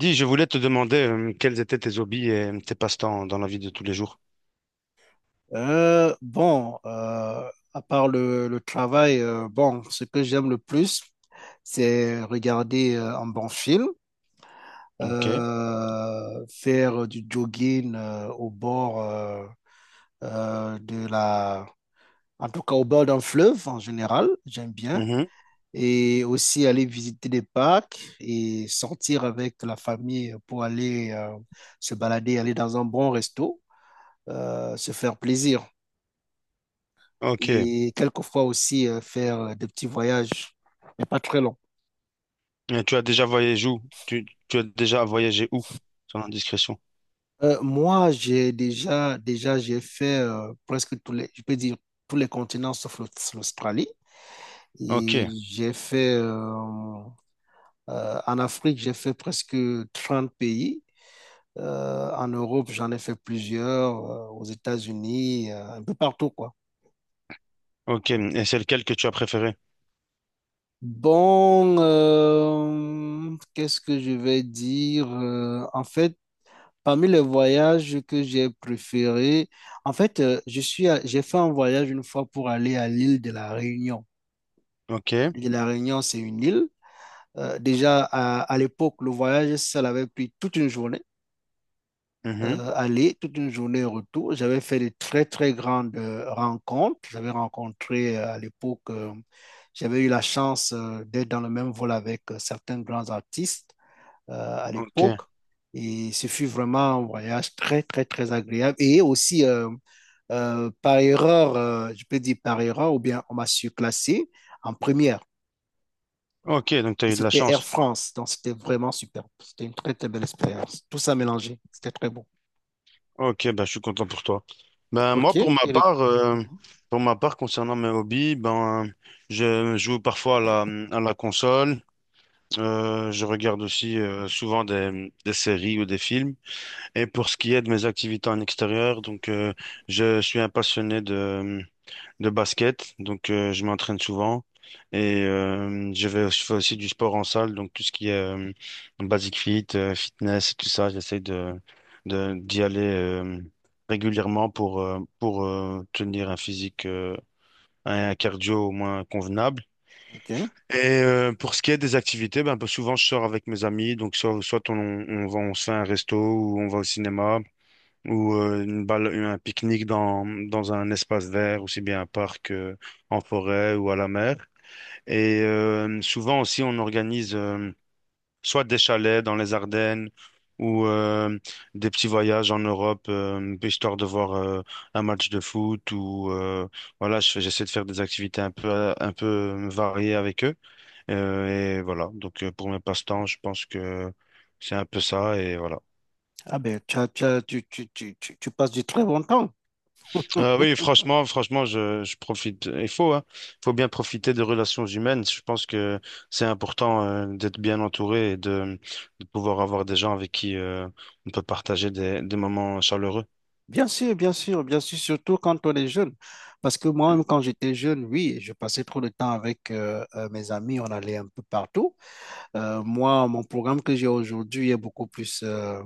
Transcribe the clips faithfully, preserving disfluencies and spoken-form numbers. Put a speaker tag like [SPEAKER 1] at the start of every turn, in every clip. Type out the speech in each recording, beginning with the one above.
[SPEAKER 1] Dis, je voulais te demander euh, quels étaient tes hobbies et euh, tes passe-temps dans la vie de tous les jours.
[SPEAKER 2] Euh, bon, euh, à part le, le travail, euh, bon, ce que j'aime le plus, c'est regarder euh, un bon film,
[SPEAKER 1] Ok.
[SPEAKER 2] euh, faire du jogging euh, au bord euh, euh, de la, en tout cas au bord d'un fleuve en général, j'aime bien,
[SPEAKER 1] Mhm.
[SPEAKER 2] et aussi aller visiter des parcs et sortir avec la famille pour aller euh, se balader, aller dans un bon resto, euh, se faire plaisir.
[SPEAKER 1] Ok.
[SPEAKER 2] Et quelquefois aussi euh, faire euh, des petits voyages, mais pas très longs.
[SPEAKER 1] Et tu as déjà voyagé où? Tu, tu as déjà voyagé où? Sans indiscrétion.
[SPEAKER 2] Euh, moi, j'ai déjà, déjà, j'ai fait euh, presque tous les, je peux dire, tous les continents sauf l'Aust- l'Australie.
[SPEAKER 1] Ok.
[SPEAKER 2] Et j'ai fait, euh, euh, en Afrique, j'ai fait presque trente pays. Euh, en Europe, j'en ai fait plusieurs, euh, aux États-Unis, euh, un peu partout, quoi.
[SPEAKER 1] Ok. Et c'est lequel que tu as préféré?
[SPEAKER 2] Bon, euh, qu'est-ce que je vais dire? Euh, en fait, parmi les voyages que j'ai préférés, en fait, euh, je suis, à- j'ai fait un voyage une fois pour aller à l'île de la Réunion.
[SPEAKER 1] Ok.
[SPEAKER 2] L'île de la Réunion, c'est une île. Euh, déjà, à, à l'époque, le voyage, ça avait pris toute une journée,
[SPEAKER 1] Mhm.
[SPEAKER 2] euh, aller, toute une journée retour. J'avais fait de très, très grandes euh, rencontres. J'avais rencontré euh, à l'époque, euh, j'avais eu la chance euh, d'être dans le même vol avec euh, certains grands artistes euh, à
[SPEAKER 1] Ok.
[SPEAKER 2] l'époque. Et ce fut vraiment un voyage très, très, très agréable. Et aussi, euh, euh, par erreur, euh, je peux dire par erreur, ou bien on m'a surclassé en première.
[SPEAKER 1] Ok. Donc, tu as
[SPEAKER 2] Et
[SPEAKER 1] eu de la
[SPEAKER 2] c'était Air
[SPEAKER 1] chance.
[SPEAKER 2] France. Donc, c'était vraiment super. C'était une très, très belle expérience. Tout ça mélangé. C'était très bon.
[SPEAKER 1] Ok. Ben, je suis content pour toi. Ben,
[SPEAKER 2] OK.
[SPEAKER 1] moi, pour ma
[SPEAKER 2] Et le-
[SPEAKER 1] part, euh, pour ma part, concernant mes hobbies, ben, je joue parfois à la, à la console. Euh, je regarde aussi euh, souvent des, des séries ou des films. Et pour ce qui est de mes activités en extérieur, donc euh, je suis un passionné de, de basket, donc euh, je m'entraîne souvent et euh, je vais, je fais aussi du sport en salle, donc tout ce qui est euh, basic fit, euh, fitness tout ça, j'essaie de, de d'y aller euh, régulièrement pour euh, pour euh, tenir un physique euh, un cardio au moins convenable.
[SPEAKER 2] OK.
[SPEAKER 1] Et euh, pour ce qui est des activités, ben, un peu souvent je sors avec mes amis, donc soit, soit on, on va, on se fait un resto ou on va au cinéma ou euh, une balle, un pique-nique dans, dans un espace vert, aussi bien un parc, euh, en forêt ou à la mer. Et euh, souvent aussi, on organise euh, soit des chalets dans les Ardennes ou euh, des petits voyages en Europe, euh, histoire de voir euh, un match de foot ou euh, voilà, je fais- j'essaie de faire des activités un peu un peu variées avec eux. Euh, et voilà, donc euh, pour mes passe-temps, je pense que c'est un peu ça et voilà.
[SPEAKER 2] Ah ben, tu, as- tu as- tu, tu, tu, tu tu passes du très bon temps.
[SPEAKER 1] Euh, oui, franchement, franchement, je, je profite. Il faut, hein. Il faut bien profiter des relations humaines. Je pense que c'est important euh, d'être bien entouré et de, de pouvoir avoir des gens avec qui euh, on peut partager des, des moments chaleureux.
[SPEAKER 2] Bien sûr, bien sûr, bien sûr, surtout quand on est jeune. Parce que moi-même, quand j'étais jeune, oui, je passais trop de temps avec euh, euh, mes amis, on allait un peu partout. Euh, moi, mon programme que j'ai aujourd'hui est beaucoup plus euh,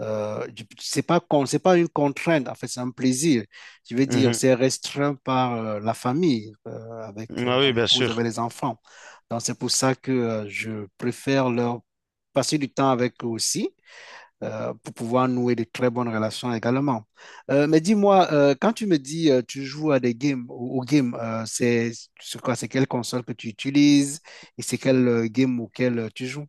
[SPEAKER 2] euh, je- c'est pas, con- c'est pas une contrainte, en fait, c'est un plaisir. Je veux dire,
[SPEAKER 1] Mhm.
[SPEAKER 2] c'est restreint par euh, la famille, euh, avec euh,
[SPEAKER 1] Ah oui,
[SPEAKER 2] mon
[SPEAKER 1] bien
[SPEAKER 2] épouse, avec
[SPEAKER 1] sûr.
[SPEAKER 2] les enfants. Donc, c'est pour ça que euh, je préfère leur passer du temps avec eux aussi euh, pour pouvoir nouer de très bonnes relations également. Euh, mais dis-moi, euh, quand tu me dis euh, tu joues à des games, au, au game, euh, c'est c'est quoi, c'est quelle console que tu utilises et c'est quel euh, game auquel euh, tu joues?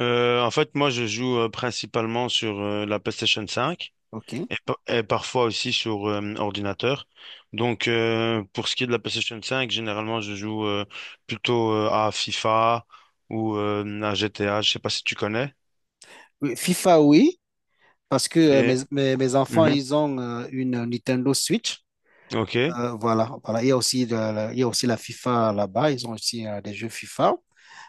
[SPEAKER 1] Euh, en fait, moi, je joue euh, principalement sur euh, la PlayStation cinq.
[SPEAKER 2] Ok.
[SPEAKER 1] et, pa- et parfois aussi sur euh, ordinateur. Donc, euh, pour ce qui est de la PlayStation cinq, généralement, je joue euh, plutôt euh, à FIFA ou euh, à G T A. Je sais pas si tu connais.
[SPEAKER 2] Oui, FIFA, oui, parce que euh, mes,
[SPEAKER 1] Et
[SPEAKER 2] mes, mes enfants,
[SPEAKER 1] Mhm.
[SPEAKER 2] ils ont euh, une Nintendo Switch.
[SPEAKER 1] Ok.
[SPEAKER 2] Euh, voilà, voilà. Il y a aussi de la, il y a aussi la FIFA là-bas. Ils ont aussi euh, des jeux FIFA.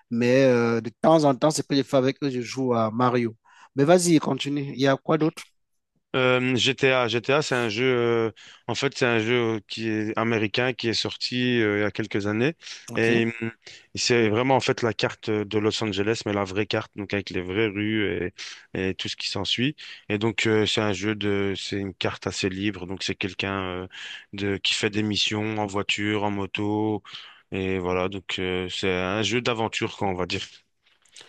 [SPEAKER 2] Mais euh, de temps en temps, c'est que je fais avec eux, je joue à Mario. Mais vas-y, continue. Il y a quoi d'autre?
[SPEAKER 1] Euh, G T A, G T A, c'est un jeu. euh, en fait, c'est un jeu euh, qui est américain qui est sorti euh, il y a quelques années
[SPEAKER 2] Ok.
[SPEAKER 1] et hum, c'est vraiment en fait la carte de Los Angeles, mais la vraie carte, donc avec les vraies rues et, et tout ce qui s'ensuit. Et donc euh, c'est un jeu de, c'est une carte assez libre. Donc c'est quelqu'un euh, de qui fait des missions en voiture, en moto et voilà. Donc euh, c'est un jeu d'aventure, quoi, on va dire.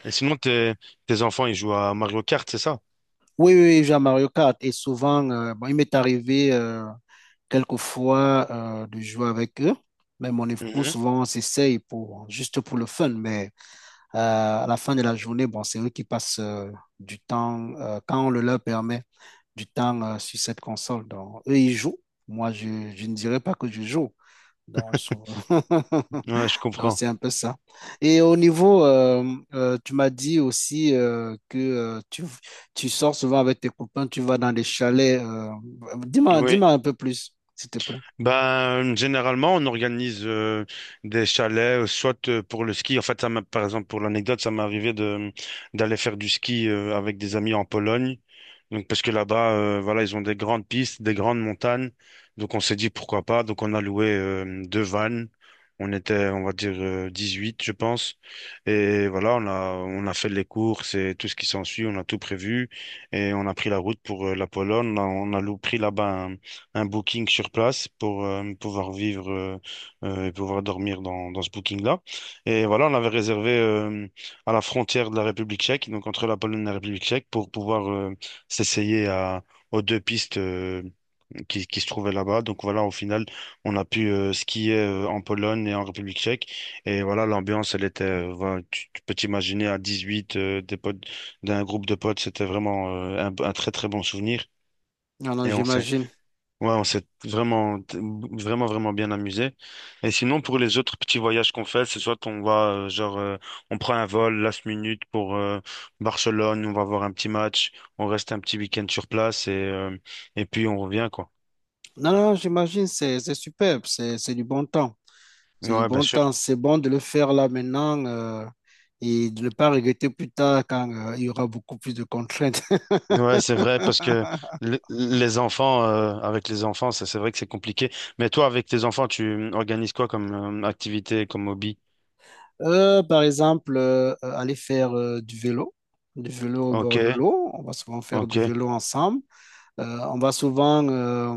[SPEAKER 1] Et sinon, tes tes enfants, ils jouent à Mario Kart, c'est ça?
[SPEAKER 2] Oui, oui, oui, je joue à Mario Kart et souvent, euh, bon, il m'est arrivé euh, quelquefois euh, de jouer avec eux, mais mon époux,
[SPEAKER 1] Mhm.
[SPEAKER 2] souvent, on s'essaye pour, juste pour le fun, mais euh, à la fin de la journée, bon, c'est eux qui passent euh, du temps, euh, quand on le leur permet, du temps euh, sur cette console. Donc, eux, ils jouent. Moi, je, je ne dirais pas que je joue. Donc, souvent.
[SPEAKER 1] Ouais, je
[SPEAKER 2] Donc,
[SPEAKER 1] comprends.
[SPEAKER 2] c'est un peu ça. Et au niveau, euh, euh, tu m'as dit aussi euh, que euh, tu, tu sors souvent avec tes copains, tu vas dans les chalets. euh, dis-moi,
[SPEAKER 1] Oui.
[SPEAKER 2] dis-moi, un peu plus, s'il te plaît.
[SPEAKER 1] Ben, généralement, on organise euh, des chalets, euh, soit euh, pour le ski. En fait, ça m'a, par exemple, pour l'anecdote, ça m'est arrivé de d'aller faire du ski euh, avec des amis en Pologne. Donc, parce que là-bas, euh, voilà, ils ont des grandes pistes, des grandes montagnes. Donc, on s'est dit pourquoi pas. Donc, on a loué euh, deux vannes. On était, on va dire, euh, huit je pense. Et voilà, on a on a fait les courses et tout ce qui s'ensuit. On a tout prévu et on a pris la route pour euh, la Pologne. On a, on a lou- pris là-bas un booking sur place pour euh, pouvoir vivre euh, euh, et pouvoir dormir dans, dans ce booking-là. Et voilà, on l'avait réservé euh, à la frontière de la République tchèque, donc entre la Pologne et la République tchèque, pour pouvoir euh, s'essayer à, aux deux pistes euh, qui, qui se trouvaient là-bas. Donc voilà, au final, on a pu euh, skier euh, en Pologne et en République tchèque. Et voilà, l'ambiance, elle était, euh, voilà, tu, tu peux t'imaginer à dix-huit, euh, des potes, d'un groupe de potes, c'était vraiment euh, un un très très bon souvenir.
[SPEAKER 2] Non, non,
[SPEAKER 1] Et on s'est
[SPEAKER 2] j'imagine.
[SPEAKER 1] Ouais, on s'est vraiment, t- vraiment, vraiment bien amusé. Et sinon, pour les autres petits voyages qu'on fait, c'est soit on va, euh, genre, euh, on prend un vol last minute pour euh, Barcelone, on va voir un petit match, on reste un petit week-end sur place et, euh, et puis on revient, quoi.
[SPEAKER 2] Non, non, j'imagine, c'est, c'est superbe, c'est, c'est du bon temps. C'est du
[SPEAKER 1] Ouais, bien
[SPEAKER 2] bon
[SPEAKER 1] sûr.
[SPEAKER 2] temps, c'est bon de le faire là maintenant euh, et de ne pas regretter plus tard quand euh, il y aura beaucoup plus de contraintes.
[SPEAKER 1] Ouais, c'est vrai, parce que le- les enfants, euh, avec les enfants, ça, c'est vrai que c'est compliqué. Mais toi, avec tes enfants, tu organises quoi comme euh, activité, comme hobby?
[SPEAKER 2] Euh, par exemple, euh, aller faire euh, du vélo, du vélo au
[SPEAKER 1] Ok,
[SPEAKER 2] bord de l'eau. On va souvent faire
[SPEAKER 1] ok,
[SPEAKER 2] du vélo ensemble. Euh, on va souvent euh,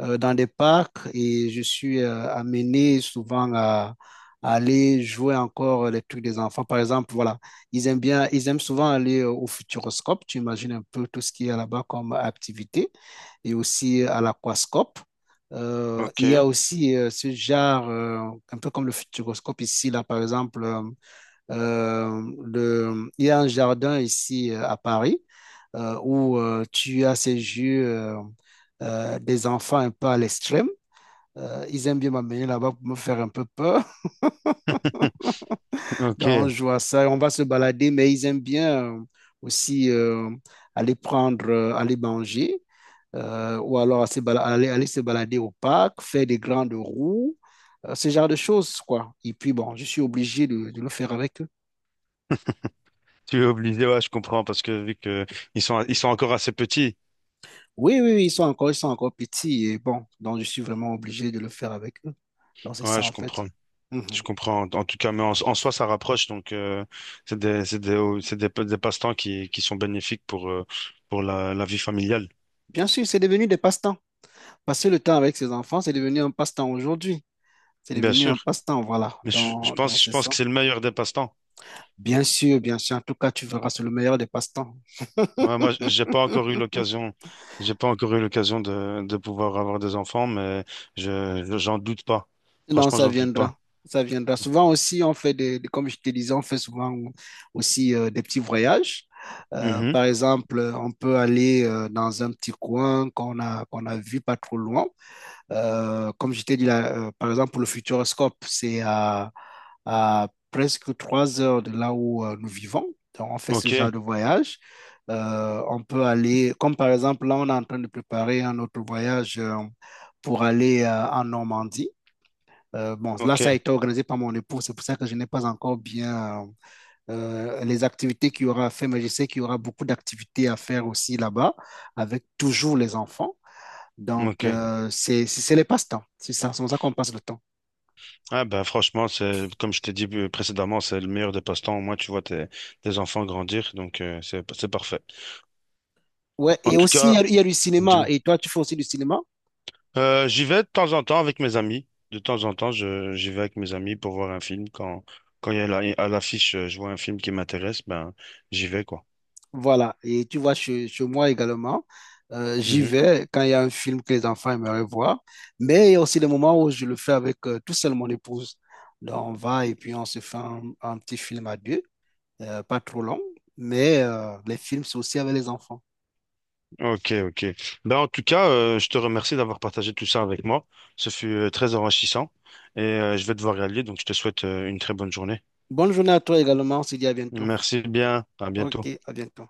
[SPEAKER 2] euh, dans des parcs et je suis euh, amené souvent à, à aller jouer encore les trucs des enfants. Par exemple, voilà, ils aiment bien, ils aiment souvent aller euh, au Futuroscope. Tu imagines un peu tout ce qu'il y a là-bas comme activité et aussi à l'aquascope. Euh, il y
[SPEAKER 1] ok,
[SPEAKER 2] a aussi euh, ce genre, euh, un peu comme le Futuroscope ici, là, par exemple, euh, euh, le- il y a un jardin ici euh, à Paris euh, où euh, tu as ces jeux euh, euh, des enfants un peu à l'extrême. Euh, ils aiment bien m'amener là-bas pour me faire un peu peur. Donc, on
[SPEAKER 1] ok.
[SPEAKER 2] joue à ça, on va se balader, mais ils aiment bien euh, aussi euh, aller prendre, euh, aller manger, euh, ou alors à se bala- aller, aller se balader au parc, faire des grandes roues, euh, ce genre de choses, quoi. Et puis, bon, je suis obligé de de le faire avec eux.
[SPEAKER 1] Tu es obligé, ouais, je comprends, parce que vu que ils sont, ils sont encore assez petits,
[SPEAKER 2] Oui, oui, oui, ils sont encore, ils sont encore petits et bon, donc je suis vraiment obligé de le faire avec eux. Donc c'est
[SPEAKER 1] ouais,
[SPEAKER 2] ça
[SPEAKER 1] je
[SPEAKER 2] en fait.
[SPEAKER 1] comprends, je
[SPEAKER 2] Mhm.
[SPEAKER 1] comprends. En tout cas, mais en, en soi, ça rapproche, donc euh, c'est des, c'est des, c'est des, des passe-temps qui, qui sont bénéfiques pour, euh, pour la, la vie familiale,
[SPEAKER 2] Bien sûr, c'est devenu des passe-temps. Passer le temps avec ses enfants, c'est devenu un passe-temps aujourd'hui. C'est
[SPEAKER 1] bien
[SPEAKER 2] devenu un
[SPEAKER 1] sûr.
[SPEAKER 2] passe-temps, voilà,
[SPEAKER 1] Mais je, je
[SPEAKER 2] dans, dans
[SPEAKER 1] pense, je
[SPEAKER 2] ce
[SPEAKER 1] pense que
[SPEAKER 2] sens.
[SPEAKER 1] c'est le meilleur des passe-temps.
[SPEAKER 2] Bien sûr, bien sûr. En tout cas, tu verras, c'est le meilleur des passe-temps.
[SPEAKER 1] Ouais, moi, j'ai pas encore eu l'occasion, j'ai pas encore eu l'occasion de, de pouvoir avoir des enfants, mais je, je- j'en doute pas.
[SPEAKER 2] Non,
[SPEAKER 1] Franchement,
[SPEAKER 2] ça
[SPEAKER 1] j'en doute pas.
[SPEAKER 2] viendra. Ça viendra. Souvent aussi, on fait des, des- comme je te disais, on fait souvent aussi euh, des petits voyages. Euh,
[SPEAKER 1] Mhm.
[SPEAKER 2] par exemple, on peut aller euh, dans un petit coin qu'on a, qu'on a vu pas trop loin. Euh, comme je t'ai dit, là, euh, par exemple, pour le Futuroscope, c'est à, à presque trois heures de là où euh, nous vivons. Donc, on fait ce
[SPEAKER 1] Ok,
[SPEAKER 2] genre de voyage. Euh, on peut aller, comme par exemple, là, on est en train de préparer un autre voyage euh, pour aller euh, en Normandie. Euh, bon, là,
[SPEAKER 1] ok,
[SPEAKER 2] ça a été organisé par mon époux, c'est pour ça que je n'ai pas encore bien euh, euh, les activités qu'il y aura à faire, mais je sais qu'il y aura beaucoup d'activités à faire aussi là-bas, avec toujours les enfants. Donc,
[SPEAKER 1] ok.
[SPEAKER 2] euh, c'est c'est- c'est les passe-temps. C'est ça, c'est comme ça qu'on passe le temps.
[SPEAKER 1] Ah bah franchement, c'est comme je t'ai dit euh, précédemment, c'est le meilleur des passe-temps. Au moins, tu vois tes, tes enfants grandir, donc euh, c'est c'est parfait.
[SPEAKER 2] Ouais,
[SPEAKER 1] En
[SPEAKER 2] et
[SPEAKER 1] tout
[SPEAKER 2] aussi, il y
[SPEAKER 1] cas,
[SPEAKER 2] a, il y a du cinéma.
[SPEAKER 1] dis-moi.
[SPEAKER 2] Et toi, tu fais aussi du cinéma.
[SPEAKER 1] Euh, j'y vais de temps en temps avec mes amis. De temps en temps, je j'y vais avec mes amis pour voir un film. Quand quand il y a la- à l'affiche, euh, je vois un film qui m'intéresse, ben j'y vais quoi.
[SPEAKER 2] Voilà. Et tu vois, chez, chez moi également, euh, j'y
[SPEAKER 1] Mhm.
[SPEAKER 2] vais quand il y a un film que les enfants aimeraient voir. Mais il y a aussi des moments où je le fais avec euh, tout seul mon épouse. Donc, on va et puis on se fait un, un petit film à deux, euh, pas trop long. Mais euh, les films, c'est aussi avec les enfants.
[SPEAKER 1] Ok, ok. Ben en tout cas, euh, je te remercie d'avoir partagé tout ça avec moi. Ce fut euh, très enrichissant et euh, je vais devoir y aller, donc je te souhaite euh, une très bonne journée.
[SPEAKER 2] Bonne journée à toi également. On se dit à bientôt.
[SPEAKER 1] Merci bien. À bientôt.
[SPEAKER 2] OK, à bientôt.